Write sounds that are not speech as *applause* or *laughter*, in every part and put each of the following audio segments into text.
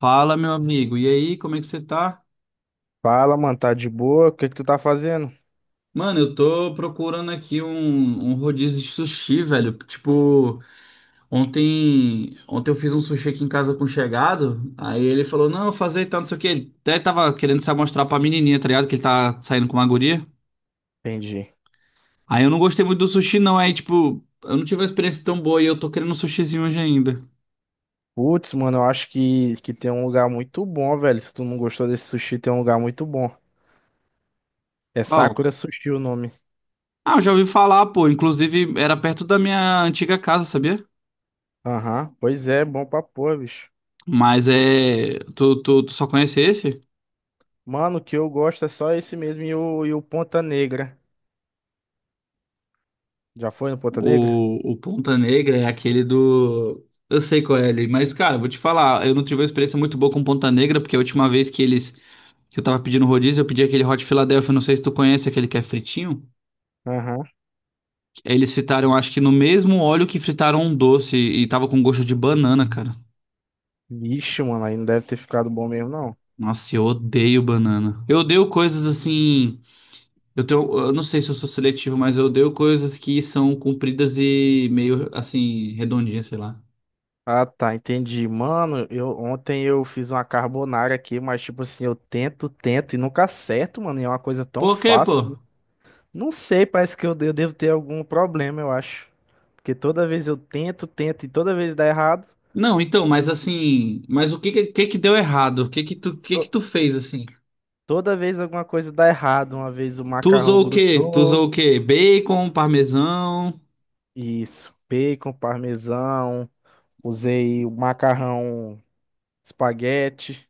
Fala, meu amigo. E aí, como é que você tá? Fala, mano, tá de boa? O que que tu tá fazendo? Mano, eu tô procurando aqui um rodízio de sushi, velho. Tipo, ontem eu fiz um sushi aqui em casa com um chegado. Aí ele falou: Não, eu fazer e tal, não sei o quê. Ele até tava querendo se amostrar pra menininha, tá ligado? Que ele tá saindo com uma guria. Entendi. Aí eu não gostei muito do sushi, não. Aí, tipo, eu não tive uma experiência tão boa e eu tô querendo um sushizinho hoje ainda. Putz, mano, eu acho que tem um lugar muito bom, velho. Se tu não gostou desse sushi, tem um lugar muito bom. É Qual? Sakura Sushi o nome. Ah, eu já ouvi falar, pô. Inclusive, era perto da minha antiga casa, sabia? Aham, pois é, bom pra pôr, bicho. Mas é. Tu só conhece esse? Mano, o que eu gosto é só esse mesmo e o Ponta Negra. Já foi no Ponta Negra? O Ponta Negra é aquele do. Eu sei qual é ele, mas, cara, vou te falar, eu não tive uma experiência muito boa com Ponta Negra, porque a última vez que eles. Que eu tava pedindo rodízio, eu pedi aquele Hot Philadelphia, não sei se tu conhece aquele que é fritinho. Aham. Aí eles fritaram, acho que no mesmo óleo que fritaram um doce, e tava com gosto de banana, cara. Vixe, mano, aí não deve ter ficado bom mesmo, não. Nossa, eu odeio banana. Eu odeio coisas assim. Eu não sei se eu sou seletivo, mas eu odeio coisas que são compridas e meio assim, redondinhas, sei lá. Ah, tá, entendi. Mano, eu ontem eu fiz uma carbonara aqui, mas tipo assim, eu tento, tento e nunca acerto, mano. E é uma coisa tão Por quê, pô? fácil. Não sei, parece que eu devo ter algum problema, eu acho. Porque toda vez eu tento, tento e toda vez dá errado. Não, então, mas assim, mas que que deu errado? O que que tu, o que que To- tu fez assim? Toda vez alguma coisa dá errado. Uma vez o Tu macarrão usou o quê? Tu grudou. usou o quê? Bacon, parmesão? Isso, bacon, parmesão. Usei o macarrão espaguete.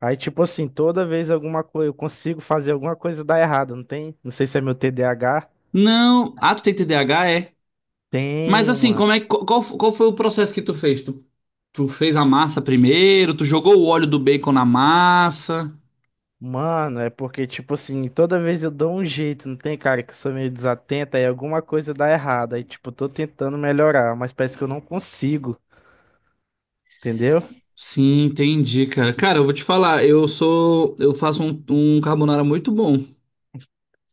Aí, tipo assim, toda vez alguma coisa eu consigo fazer alguma coisa dar errado, não tem? Não sei se é meu TDAH. Não. Ah, tu tem TDAH, é? Mas Tenho, assim, mano. como é que- qual, qual foi o processo que tu fez? Tu, tu fez a massa primeiro, tu jogou o óleo do bacon na massa? Mano, é porque, tipo assim, toda vez eu dou um jeito, não tem, cara, que eu sou meio desatento, aí alguma coisa dá errado. Aí, tipo, tô tentando melhorar, mas parece que eu não consigo, entendeu? Sim, entendi, cara. Cara, eu vou te falar, eu faço um carbonara muito bom.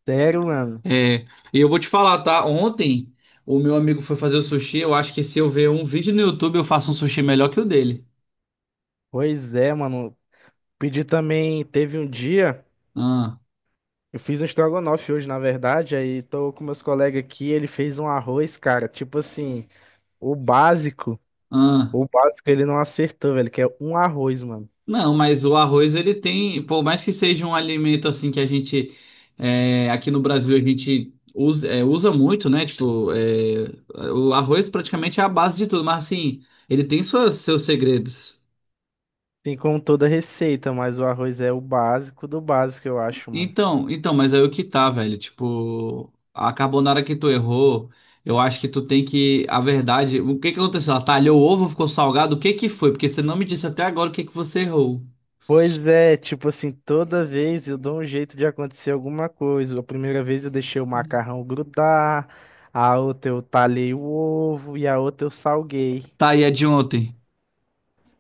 Sério, mano. É, e eu vou te falar, tá? Ontem o meu amigo foi fazer o sushi. Eu acho que se eu ver um vídeo no YouTube, eu faço um sushi melhor que o dele. Pois é, mano. Pedi também, teve um dia, Ah, eu fiz um estrogonofe hoje, na verdade, aí tô com meus colegas aqui, ele fez um arroz, cara, tipo assim, o básico, ah. o básico ele não acertou, velho, que é um arroz, mano. Não, mas o arroz ele tem, por mais que seja um alimento assim que a gente é, aqui no Brasil a gente usa, é, usa muito, né? Tipo, é, o arroz praticamente é a base de tudo, mas assim, ele tem seus segredos. Assim como toda receita, mas o arroz é o básico do básico, eu acho, mano. Então, mas aí o que tá, velho? Tipo, a carbonara que tu errou, eu acho que tu tem que. A verdade, o que que aconteceu? Ela talhou o ovo, ficou salgado? O que que foi? Porque você não me disse até agora o que que você errou. Pois é, tipo assim, toda vez eu dou um jeito de acontecer alguma coisa. A primeira vez eu deixei o macarrão grudar, a outra eu talhei o ovo e a outra eu salguei. Tá, e a de ontem?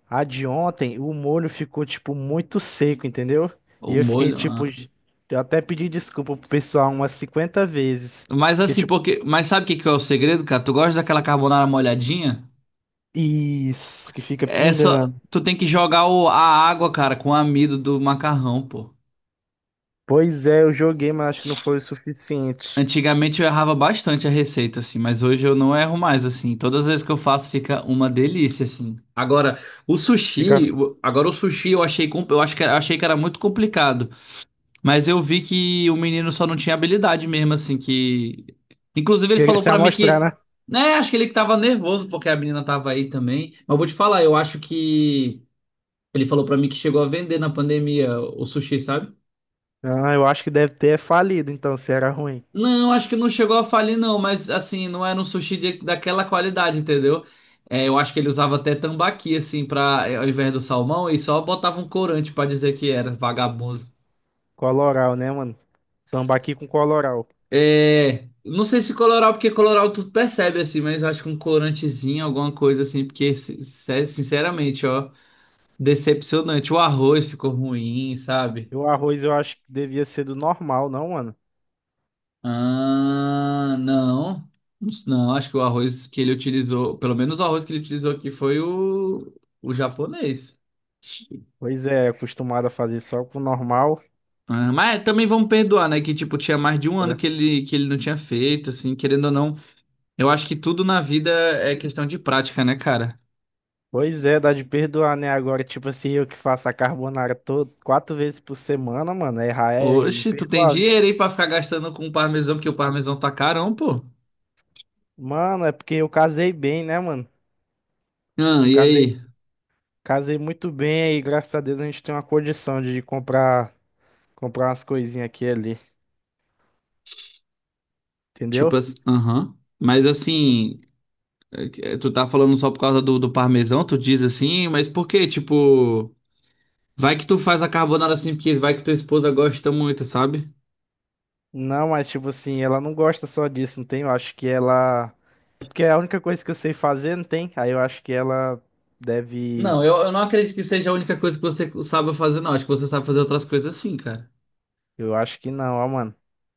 A de ontem, o molho ficou, tipo, muito seco, entendeu? O E eu fiquei, molho? tipo, Ah. Eu até pedi desculpa pro pessoal umas 50 vezes. Mas Porque, assim, tipo, porque. Mas sabe o que que é o segredo, cara? Tu gosta daquela carbonara molhadinha? isso, que fica É só. pingando. Tu tem que jogar a água, cara, com o amido do macarrão, pô. Pois é, eu joguei, mas acho que não foi o suficiente. Antigamente eu errava bastante a receita, assim, mas hoje eu não erro mais, assim. Todas as vezes que eu faço fica uma delícia, assim. Agora, Fica, agora o sushi eu achei, eu acho que era- achei que era muito complicado, mas eu vi que o menino só não tinha habilidade mesmo, assim, que inclusive ele queria falou se pra mim amostrar, que, né? né, acho que ele que tava nervoso porque a menina tava aí também. Mas eu vou te falar, eu acho que ele falou pra mim que chegou a vender na pandemia o sushi, sabe? Ah, eu acho que deve ter falido, então, se era ruim. Não, acho que não chegou a falir, não, mas assim, não era um sushi de- daquela qualidade, entendeu? É, eu acho que ele usava até tambaqui, assim, pra, ao invés do salmão, e só botava um corante pra dizer que era vagabundo. Coloral, né, mano? Tambaqui com coloral. É, não sei se coloral, porque coloral tu percebe, assim, mas acho que um corantezinho, alguma coisa assim, porque, sinceramente, ó, decepcionante. O arroz ficou ruim, sabe? E o arroz eu acho que devia ser do normal, não, mano? Ah, não. Não, acho que o arroz que ele utilizou, pelo menos o arroz que ele utilizou aqui foi o japonês. Pois é, acostumado a fazer só com o normal. Ah, mas também vamos perdoar, né? Que tipo, tinha mais de um ano É. Que ele não tinha feito, assim, querendo ou não. Eu acho que tudo na vida é questão de prática, né, cara? Pois é, dá de perdoar, né? Agora, tipo assim, eu que faço a carbonara todo, quatro vezes por semana, mano, errar é Oxe, tu tem imperdoável. dinheiro aí pra ficar gastando com o parmesão, porque o parmesão tá carão, pô. Mano, é porque eu casei bem, né, mano? Ah, Eu e casei, aí? casei muito bem e graças a Deus a gente tem uma condição de comprar umas coisinhas aqui e ali, Tipo entendeu? assim, aham. Mas assim. É, tu tá falando só por causa do parmesão, tu diz assim, mas por quê? Tipo, vai que tu faz a carbonara assim, porque vai que tua esposa gosta muito, sabe? Não, mas tipo assim, ela não gosta só disso, não tem? Eu acho que ela. É, porque é a única coisa que eu sei fazer, não tem? Aí eu acho que ela deve. Não, eu não acredito que seja a única coisa que você sabe fazer, não. Acho que você sabe fazer outras coisas assim, cara. Eu acho que não, ó, mano.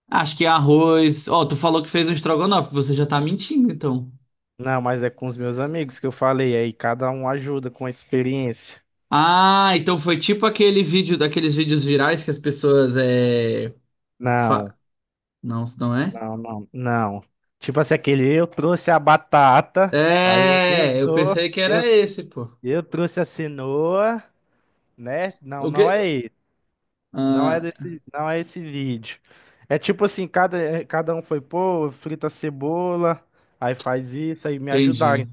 Acho que arroz. Ó, tu falou que fez um estrogonofe, você já tá mentindo, então. Não, mas é com os meus amigos que eu falei, aí cada um ajuda com a experiência. Ah, então foi tipo aquele vídeo, daqueles vídeos virais que as pessoas é. Não, fa- Não, isso não é? não, não, não. Tipo assim, aquele eu trouxe a batata, aí o outro eu É, eu sou, pensei que eu, era esse, pô. eu trouxe a cenoura, né? Não, O não é quê? Não é Ah, desse, não é esse vídeo. É tipo assim, cada um foi, pô, frita cebola, aí faz isso, aí me ajudarem. entendi.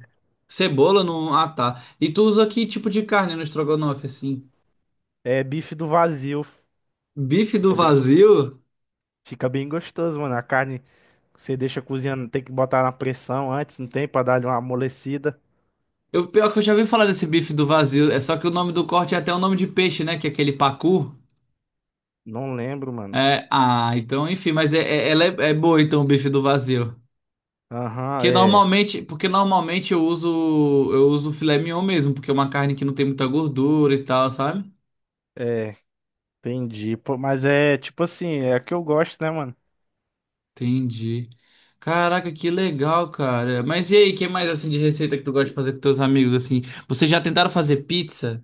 Cebola não. Ah, tá. E tu usa que tipo de carne no estrogonofe, assim? É bife do vazio. Bife do Fica bem, go- vazio? fica bem gostoso, mano. A carne você deixa cozinhando, tem que botar na pressão antes, não tem, pra dar uma amolecida. Eu, pior que eu já ouvi falar desse bife do vazio. É só que o nome do corte é até o nome de peixe, né? Que é aquele pacu. Não lembro, mano. É, ah, então, enfim, mas ela é boa, então, o bife do vazio. Aham, Que é, normalmente, porque normalmente eu uso filé mignon mesmo, porque é uma carne que não tem muita gordura e tal, sabe? é, entendi. Pô, mas é tipo assim, é a que eu gosto, né, mano? Entendi. Caraca, que legal, cara. Mas e aí, que mais assim de receita que tu gosta de fazer com teus amigos assim? Vocês já tentaram fazer pizza?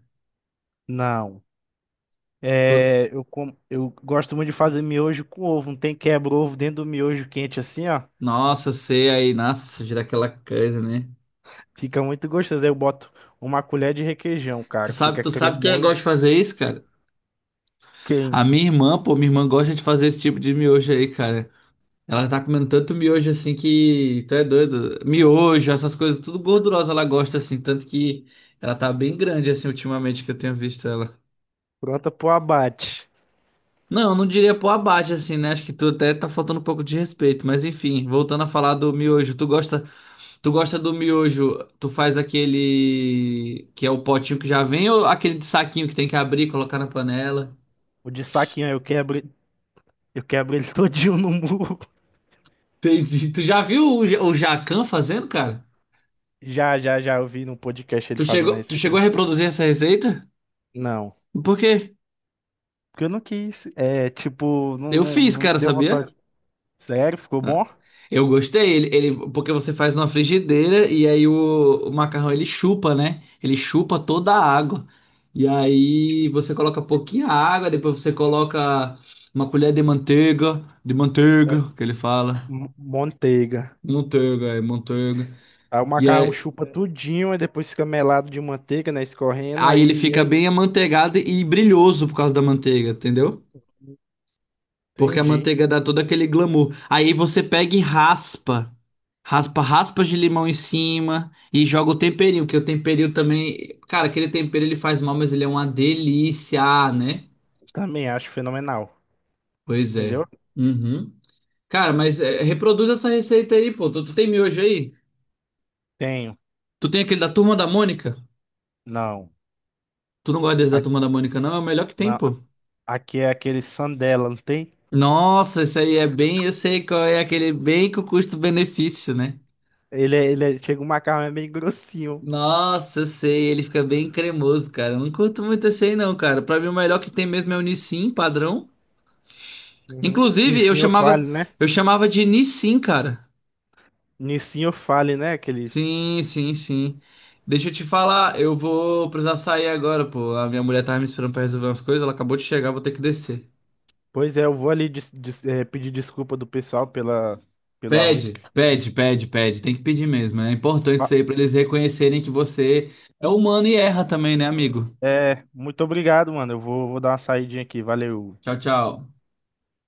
Não. Pos- É, eu gosto muito de fazer miojo com ovo. Não tem, quebra-ovo dentro do miojo quente assim, ó. Nossa, eu sei aí, nossa, gira aquela coisa, né? Fica muito gostoso. Eu boto uma colher de requeijão, Tu cara. sabe, Fica tu sabe quem gosta cremoso. de fazer isso, cara? Quem? A minha irmã, pô, minha irmã gosta de fazer esse tipo de miojo aí, cara. Ela tá comendo tanto miojo assim que tu é doido. Miojo, essas coisas, tudo gordurosa ela gosta assim, tanto que ela tá bem grande assim ultimamente que eu tenho visto ela. Pronta pro abate. Não, eu não diria pô abate assim, né? Acho que tu até tá faltando um pouco de respeito, mas enfim, voltando a falar do miojo, tu gosta do miojo, tu faz aquele que é o potinho que já vem ou aquele de saquinho que tem que abrir e colocar na panela? O de saquinho, eu quebro, ele *laughs* todinho no murro. Entendi. Tu já viu o, o Jacan fazendo, cara? Já, já, já. Eu vi no podcast ele Tu fazendo a chegou, tu receita. chegou a reproduzir essa receita? Não. Por quê? Porque eu não quis. É, tipo, não, Eu não, fiz, não cara, deu sabia? vontade. Sério, ficou bom? Eu gostei, ele- porque você faz numa frigideira e aí o macarrão ele chupa, né? Ele chupa toda a água. E aí você coloca pouquinha água, depois você coloca uma colher de manteiga, É, que ele fala. Manteiga. Manteiga, é manteiga. Aí o E macarrão aí, chupa tudinho, aí depois fica melado de manteiga, né? Escorrendo, aí ele aí, fica aí. bem amanteigado e brilhoso por causa da manteiga, entendeu? Porque a Entendi. manteiga dá todo aquele glamour. Aí você pega e raspa. Raspa raspas de limão em cima e joga o temperinho, que o temperinho também. Cara, aquele tempero ele faz mal, mas ele é uma delícia, ah, né? Também acho fenomenal. Pois é. Entendeu? Uhum. Cara, mas é, reproduz essa receita aí, pô. Tu, tu tem miojo aí? Tenho. Tu tem aquele da Turma da Mônica? Não. Tu não gosta desse da Aqui, Turma da Mônica, não? É o melhor que tem, pô. Aqui é aquele sandela, não tem? Nossa, esse aí é bem, eu sei qual é aquele bem com custo-benefício, né? Chega um macarrão é meio grossinho. Nossa, eu sei, ele fica bem cremoso, cara. Eu não curto muito esse aí não, cara. Pra mim o melhor que tem mesmo é o Nissin padrão. Uhum. Inclusive, eu Nissinho fale, chamava, né? eu chamava de Nissin, cara. Nissinho fale, né? Aquele... Sim, sim, sim. Deixa eu te falar, eu vou precisar sair agora, pô. A minha mulher tava me esperando pra resolver umas coisas, ela acabou de chegar, vou ter que descer. Pois é, eu vou ali pedir desculpa do pessoal pela, pelo arroz. Que... Pede, Uhum. pede, pede, pede. Tem que pedir mesmo. É importante Ah, isso aí pra eles reconhecerem que você é humano e erra também, né, amigo? é, muito obrigado, mano. Eu vou dar uma saidinha aqui. Valeu. Tchau, tchau.